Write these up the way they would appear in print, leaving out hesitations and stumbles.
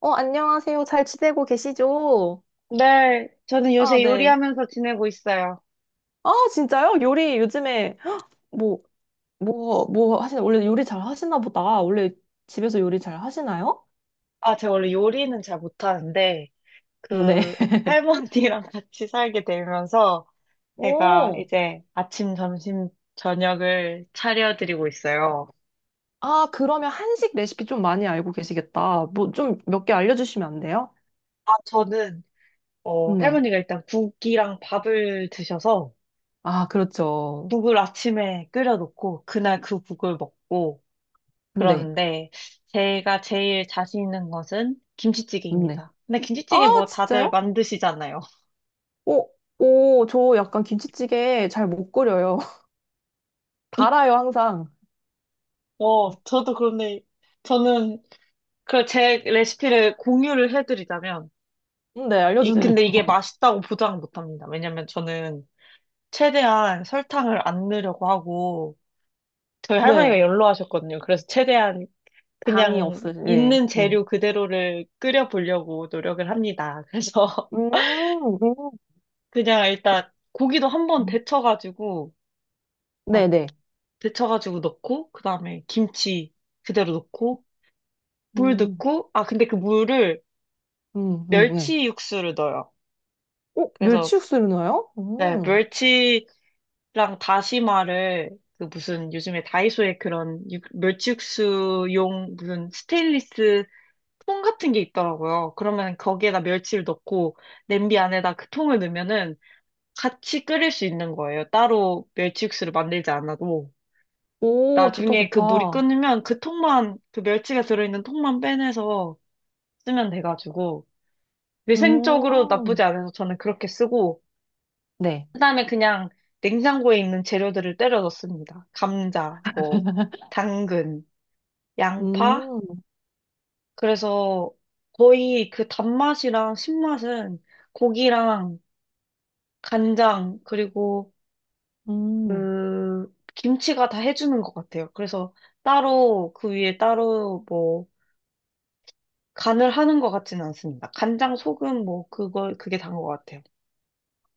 어, 안녕하세요. 잘 지내고 계시죠? 네, 저는 아, 요새 네. 요리하면서 지내고 있어요. 아, 진짜요? 요리 요즘에 뭐, 뭐 하시나? 원래 요리 잘 하시나 보다. 원래 집에서 요리 잘 하시나요? 아, 제가 원래 요리는 잘 못하는데, 네. 그, 할머니랑 같이 살게 되면서, 제가 오. 이제 아침, 점심, 저녁을 차려드리고 있어요. 아, 그러면 한식 레시피 좀 많이 알고 계시겠다. 뭐 좀 몇 개 알려주시면 안 돼요? 아, 네. 할머니가 일단 국이랑 밥을 드셔서, 아, 그렇죠. 국을 아침에 끓여놓고, 그날 그 국을 먹고, 네. 그러는데, 제가 제일 자신 있는 것은 네. 김치찌개입니다. 근데 아, 김치찌개 뭐 다들 진짜요? 만드시잖아요. 오, 오, 저 약간 김치찌개 잘 못 끓여요. 달아요, 항상. 저도 그런데, 저는 제 레시피를 공유를 해드리자면, 네, 알려주세요. 근데 이게 맛있다고 보장은 못합니다. 왜냐면 저는 최대한 설탕을 안 넣으려고 하고, 저희 할머니가 네. 연로하셨거든요. 그래서 최대한 당이 그냥 없으신, 네. 있는 음. 재료 그대로를 끓여보려고 노력을 합니다. 그래서 음, 음. 그냥 일단 고기도 한번 음, 아, 네네. 데쳐가지고 넣고, 그 다음에 김치 그대로 넣고, 물 음, 넣고, 아, 근데 그 물을 네. 멸치 육수를 넣어요. 어, 그래서 멸치육수를 넣어요? 네, 음. 멸치랑 다시마를 그 무슨 요즘에 다이소에 그런 멸치육수용 무슨 스테인리스 통 같은 게 있더라고요. 그러면 거기에다 멸치를 넣고 냄비 안에다 그 통을 넣으면은 같이 끓일 수 있는 거예요. 따로 멸치육수를 만들지 않아도. 오, 좋다, 나중에 그 물이 좋다. 끓으면 그 멸치가 들어있는 통만 빼내서 쓰면 돼가지고 위생적으로 음, 나쁘지 않아서 저는 그렇게 쓰고, 네. 그다음에 그냥 냉장고에 있는 재료들을 때려 넣습니다. 감자, 뭐 당근, 양파. 음, 그래서 거의 그 단맛이랑 신맛은 고기랑 간장 그리고 음. 그 김치가 다 해주는 것 같아요. 그래서 따로 그 위에 따로 뭐 간을 하는 것 같지는 않습니다. 간장, 소금 뭐 그거 그게 단 것 같아요.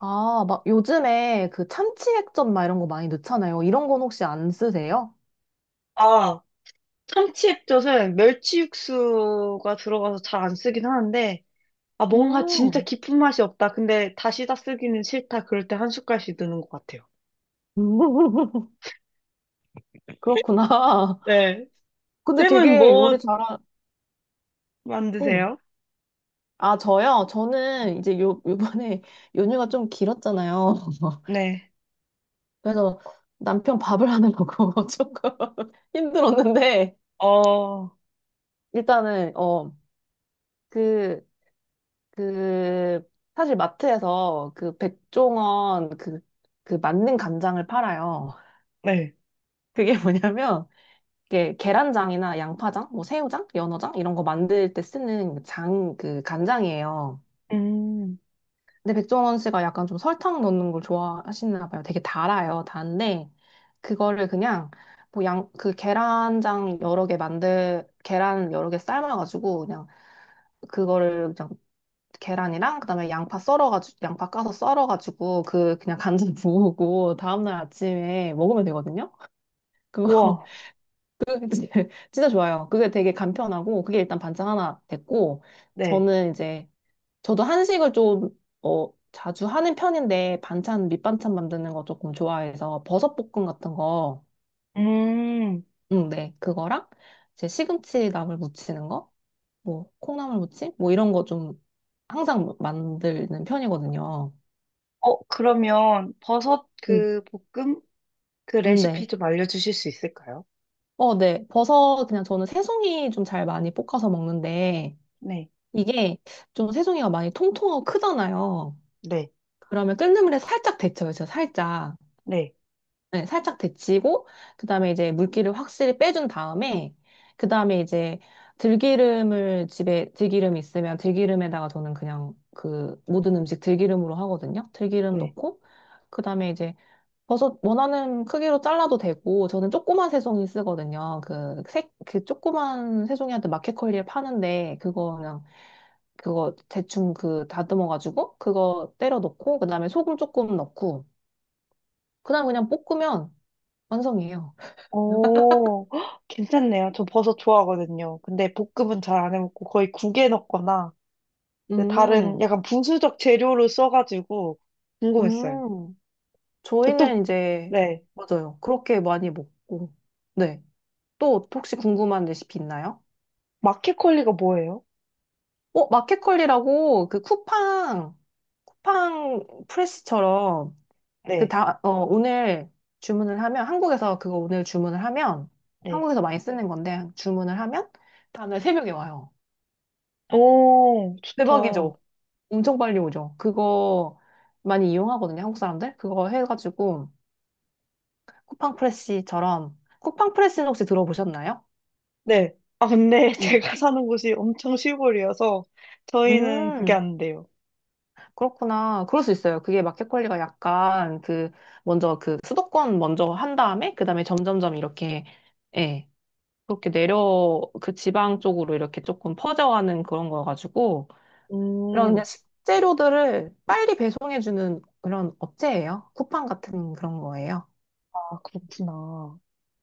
아, 막 요즘에 그 참치액젓 막 이런 거 많이 넣잖아요. 이런 건 혹시 안 쓰세요? 아 참치 액젓은 멸치 육수가 들어가서 잘 안 쓰긴 하는데. 뭔가 진짜 음, 깊은 맛이 없다. 근데 다시다 쓰기는 싫다. 그럴 때 한 숟갈씩 드는 것 같아요. 그렇구나. 네. 근데 쌤은 되게 요리 뭐 잘하, 응. 만드세요? 아, 저요? 저는 이제 요번에 연휴가 좀 길었잖아요. 네. 그래서 남편 밥을 하는 거고 조금 힘들었는데, 어, 일단은, 어, 그, 그, 사실 마트에서 그 백종원 그, 그 만능 간장을 팔아요. 네. 그게 뭐냐면, 이게 계란장이나 양파장, 뭐 새우장, 연어장, 이런 거 만들 때 쓰는 그 장, 그 간장이에요. 음. 근데 백종원 씨가 약간 좀 설탕 넣는 걸 좋아하시나 봐요. 되게 달아요. 단데 그거를 그냥 뭐 양 그 계란장 여러 개 만들 계란 여러 개 삶아가지고 그냥 그거를 그냥 계란이랑 그다음에 양파 썰어가지고 양파 까서 썰어가지고 그 그냥 간장 부으고 다음날 아침에 먹으면 되거든요. 그거 우와. 그거 진짜 진짜 좋아요. 그게 되게 간편하고 그게 일단 반찬 하나 됐고 네. 저는 이제 저도 한식을 좀, 어, 자주 하는 편인데, 반찬, 밑반찬 만드는 거 조금 좋아해서, 버섯볶음 같은 거, 음. 응, 네, 그거랑, 제 시금치 나물 무치는 거, 뭐, 콩나물 무침? 뭐, 이런 거 좀, 항상 만드는 편이거든요. 어. 그러면 버섯 음. 그 볶음 그 레시피 네. 좀 알려주실 수 있을까요? 어, 네. 버섯, 그냥 저는 새송이 좀 잘 많이 볶아서 먹는데, 네. 이게 좀 새송이가 많이 통통하고 크잖아요. 네. 그러면 끓는 물에 살짝 데쳐요, 진짜 살짝. 네. 네, 살짝 데치고, 그 다음에 이제 물기를 확실히 빼준 다음에, 그 다음에 이제 들기름을 집에 들기름 있으면 들기름에다가 저는 그냥 그 모든 음식 들기름으로 하거든요. 들기름 네. 넣고, 그 다음에 이제 버섯 원하는 크기로 잘라도 되고, 저는 조그만 새송이 쓰거든요. 그 색, 그 조그만 새송이한테 마켓컬리에 파는데, 그거 그냥, 그거 대충 그 다듬어가지고, 그거 때려 넣고, 그 다음에 소금 조금 넣고, 그 다음에 그냥 볶으면 완성이에요. 오, 헉, 괜찮네요. 저 버섯 좋아하거든요. 근데 볶음은 잘 안 해먹고 거의 국에 넣거나 그 다른 음, 약간 부수적 재료로 써가지고 궁금했어요. 음. 저 또, 저희는 이제, 네. 맞아요. 그렇게 많이 먹고. 네. 또 혹시 궁금한 레시피 있나요? 마켓컬리가 뭐예요? 어, 마켓컬리라고 그 쿠팡, 쿠팡 프레스처럼 그 네, 다, 어, 오늘 주문을 하면, 한국에서 그거 오늘 주문을 하면, 네. 한국에서 많이 쓰는 건데, 주문을 하면, 다음날 새벽에 와요. 오, 좋다. 대박이죠? 엄청 빨리 오죠? 그거 많이 이용하거든요, 한국 사람들? 그거 해가지고, 쿠팡 프레시처럼. 쿠팡 프레시는 혹시 들어보셨나요? 네. 아, 근데 음. 제가 사는 곳이 엄청 시골이어서 저희는 그게 음, 안 돼요. 그렇구나. 그럴 수 있어요. 그게 마켓 관리가 약간 그, 먼저 그 수도권 먼저 한 다음에, 그 다음에 점점점 이렇게, 예, 그렇게 내려, 그 지방 쪽으로 이렇게 조금 퍼져가는 그런 거여가지고, 그런 음. 그냥 식재료들을 빨리 배송해주는 그런 업체예요. 쿠팡 같은 그런 거예요. 아, 그렇구나.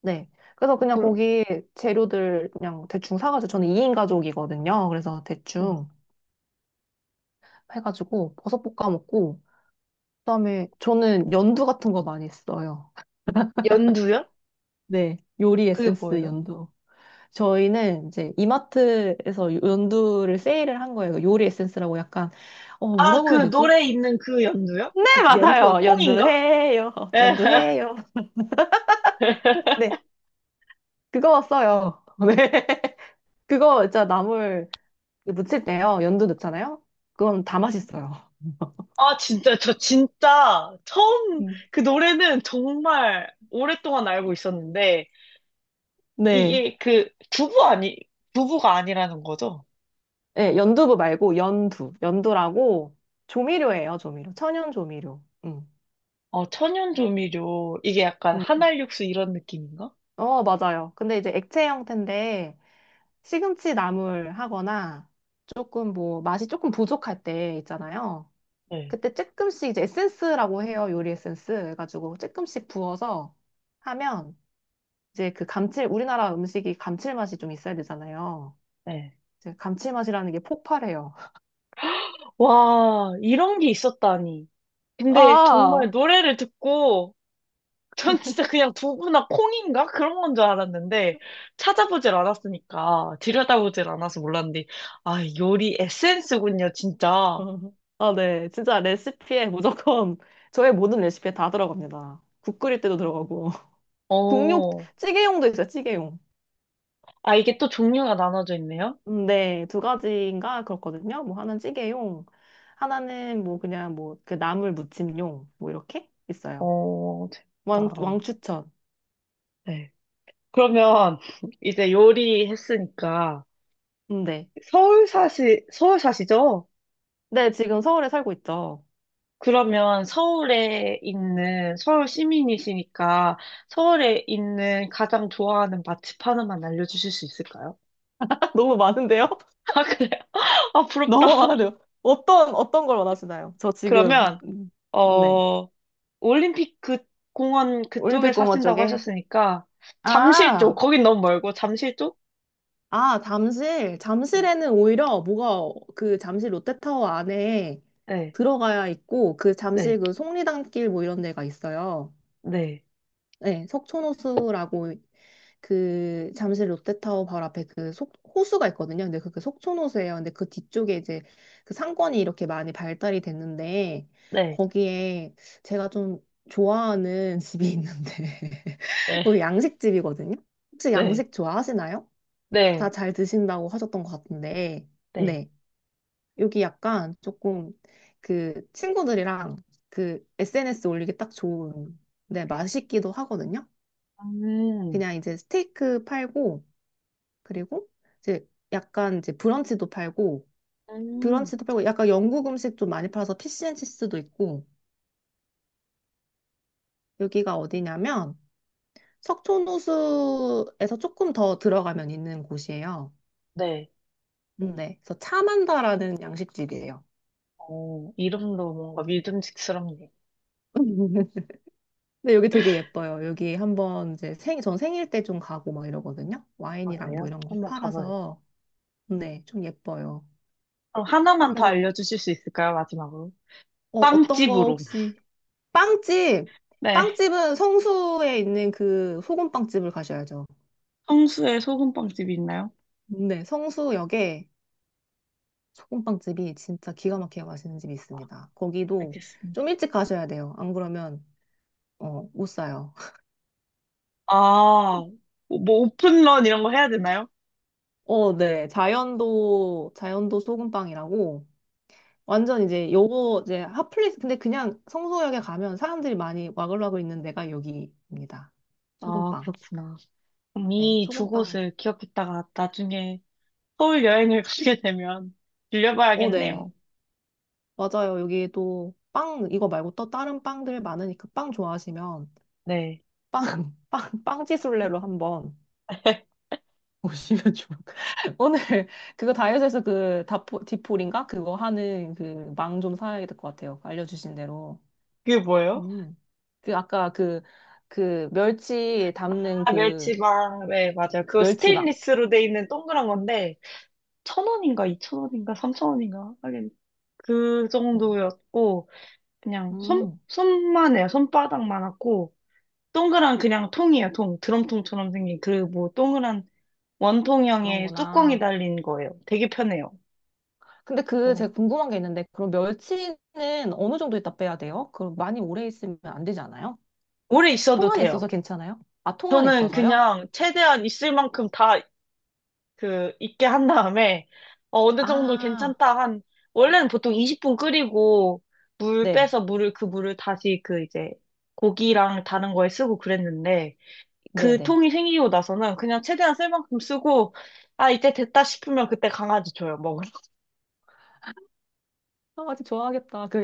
네. 그래서 그냥 그, 거기 재료들 그냥 대충 사가지고, 저는 2인 가족이거든요. 그래서 음. 대충, 해가지고 버섯 볶아 먹고 그다음에 저는 연두 같은 거 많이 써요. 연두요? 네, 요리 그게 에센스 뭐예요? 연두. 저희는 이제 이마트에서 연두를 세일을 한 거예요. 그 요리 에센스라고 약간 어 아, 뭐라고 그 해야 되지? 노래 있는 그 연두요? 네, 그 연두가 맞아요. 콩인가? 연두해요. 연두해요. 네, 그거 써요. 네, 그거 진짜 나물 무칠 때요. 연두 넣잖아요. 그건 다 맛있어요. 아, 진짜, 저 진짜 처음 음. 그 노래는 정말 오랫동안 알고 있었는데, 네. 이게 그 부부 아니, 부부가 아니라는 거죠? 예, 연두부 말고 연두. 연두라고 조미료예요, 조미료. 천연 조미료. 음. 천연조미료. 이게 약간 음. 한알육수 이런 느낌인가? 어, 맞아요. 근데 이제 액체 형태인데 시금치 나물 하거나 조금 뭐 맛이 조금 부족할 때 있잖아요. 네, 그때 조금씩 이제 에센스라고 해요. 요리 에센스 해가지고 조금씩 부어서 하면 이제 그 감칠, 우리나라 음식이 감칠맛이 좀 있어야 되잖아요. 네. 이제 감칠맛이라는 게 폭발해요. 와, 이런 게 있었다니. 근데 정말 아, 노래를 듣고, 전 진짜 그냥 두부나 콩인가? 그런 건 줄 알았는데, 찾아보질 않았으니까, 들여다보질 않아서 몰랐는데, 아, 요리 에센스군요, 진짜. 어. 아, 네. 진짜 레시피에 무조건 저의 모든 레시피에 다 들어갑니다. 국 끓일 때도 들어가고. 국육, 어, 찌개용도 있어요, 찌개용. 이게 또 종류가 나눠져 있네요? 네, 두 가지인가 그렇거든요. 뭐 하나는 찌개용, 하나는 뭐 그냥 뭐 그 나물 무침용, 뭐 이렇게 있어요. 어, 왕, 재밌다. 왕추천. 네. 그러면 이제 요리했으니까 네. 서울 사시죠? 네, 지금 서울에 살고 있죠. 그러면 서울 시민이시니까 서울에 있는 가장 좋아하는 맛집 하나만 알려주실 수 있을까요? 너무 많은데요? 아, 그래요? 아, 부럽다. 너무 많은데요? 어떤, 어떤 걸 원하시나요? 저 지금, 그러면, 네. 어, 올림픽 공원 그쪽에 올림픽공원 사신다고 쪽에. 하셨으니까 잠실 쪽, 아! 거긴 너무 멀고 잠실 쪽? 아, 잠실. 네. 잠실에는 오히려 뭐가 그 잠실 롯데타워 안에 네, 들어가야 있고 그 잠실 네, 그 속리단길 뭐 이런 데가 있어요. 네, 네, 석촌호수라고 그 잠실 롯데타워 바로 앞에 그 속, 호수가 있거든요. 근데 그게 속촌호수예요. 근데 그 뒤쪽에 이제 그 상권이 이렇게 많이 발달이 됐는데 네, 거기에 제가 좀 좋아하는 집이 있는데 네, 거기 양식집이거든요. 혹시 네, 양식 좋아하시나요? 다 네, 잘 드신다고 하셨던 것 같은데, 네. 네. 여기 약간 조금 그 친구들이랑 그 SNS 올리기 딱 좋은, 네, 맛있기도 하거든요. 음, 그냥 이제 스테이크 팔고, 그리고 이제 약간 이제 브런치도 팔고, 음, 브런치도 팔고, 약간 영국 음식 좀 많이 팔아서 피시앤치스도 있고, 여기가 어디냐면 석촌호수에서 조금 더 들어가면 있는 곳이에요. 네. 네. 그래서 차만다라는 양식집이에요. 어, 이름도 뭔가 믿음직스럽네요. 근데 여기 되게 예뻐요. 여기 한번 이제 생, 전 생일 때 좀 가고 막 이러거든요. 아, 와인이랑 뭐 그래요? 이런 거 한번 가봐요. 팔아서. 네, 좀 예뻐요. 그럼 하나만 더 그래서, 알려주실 수 있을까요? 마지막으로. 어, 어떤 거 빵집으로. 혹시, 빵집! 네, 빵집은 성수에 있는 그 소금빵집을 가셔야죠. 성수에 소금빵집이 있나요? 네, 성수역에 소금빵집이 진짜 기가 막히게 맛있는 집이 있습니다. 거기도 알겠습니다. 좀 일찍 가셔야 돼요. 안 그러면, 어, 못 사요. 아, 뭐 오픈런 이런 거 해야 되나요? 어, 네. 자연도, 자연도 소금빵이라고. 완전 이제 요거 이제 핫플레이스 근데 그냥 성수역에 가면 사람들이 많이 와글와글 있는 데가 여기입니다. 아, 소금빵. 그렇구나. 그럼 네, 이 두 소금빵. 곳을 기억했다가 나중에 서울 여행을 가게 되면 어, 네. 들려봐야겠네요. 맞아요. 여기 또 빵 이거 말고 또 다른 빵들 많으니까 빵 좋아하시면 네. 빵, 빵지술래로 한번 오시면 좋을 것같요 오늘 그거 다이어트에서 그 다포, 디폴인가? 그거 하는 그 망 좀 사야 될 것 같아요. 알려주신 대로. 그게 뭐예요? 음. 그 아까 그, 그 멸치 담는 아, 그 멸치밥. 네, 맞아요. 그거 멸치막. 스테인리스로 돼 있는 동그란 건데, 천 원인가, 이천 원인가, 삼천 원인가. 하긴, 그 음, 정도였고, 그냥 손, 음, 손만 해요. 손바닥만 하고, 동그란 그냥 통이에요, 통. 드럼통처럼 생긴 그 뭐, 동그란 원통형의 뚜껑이 그런구나. 달린 거예요. 되게 편해요. 근데 그 어, 제가 궁금한 게 있는데 그럼 멸치는 어느 정도 있다 빼야 돼요? 그럼 많이 오래 있으면 안 되지 않아요? 오래 있어도 통 안에 있어서 돼요. 괜찮아요? 아, 통 안에 저는 있어서요? 그냥 최대한 있을 만큼 다 그 익게 한 다음에 느 정도 아, 괜찮다 한 원래는 보통 20분 끓이고 물 네, 빼서 물을 다시 그 이제 고기랑 다른 거에 쓰고 그랬는데, 네, 그 네. 통이 생기고 나서는 그냥 최대한 쓸 만큼 쓰고, 아 이제 됐다 싶으면 그때 강아지 줘요, 먹으러. 아, 아직 좋아하겠다. 그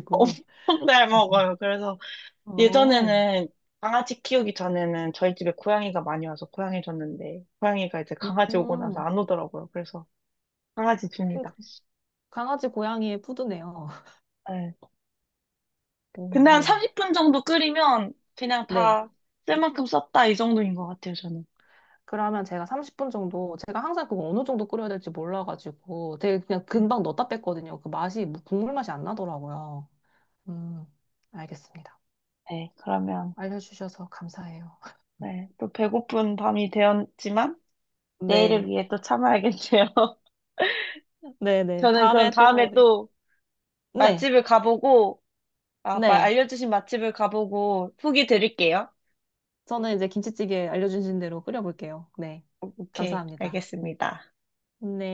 엄청 잘 먹어요. 그래서 어, 예전에는, 강아지 키우기 전에는 저희 집에 고양이가 많이 와서 고양이 줬는데, 고양이가 이제 강아지 오고 나서 음, 안 오더라고요. 그래서 강아지 그 줍니다. 강아지 고양이의 푸드네요. 네. 오, 근데 한 네, 30분 정도 끓이면 그냥 네. 다 쓸 만큼 썼다 이 정도인 것 같아요, 저는. 그러면 제가 30분 정도, 제가 항상 그거 어느 정도 끓여야 될지 몰라가지고 되게 그냥 금방 넣었다 뺐거든요. 그 맛이, 뭐 국물 맛이 안 나더라고요. 음, 알겠습니다. 네, 그러면. 알려주셔서 감사해요. 네, 또 배고픈 밤이 되었지만 내일을 네. 위해 또 참아야겠네요. 네네. 저는 그럼 다음에 또, 다음에 또 네. 맛집을 가보고, 네. 알려주신 맛집을 가보고 후기 드릴게요. 저는 이제 김치찌개 알려주신 대로 끓여볼게요. 네. 오케이, 감사합니다. 알겠습니다. 네.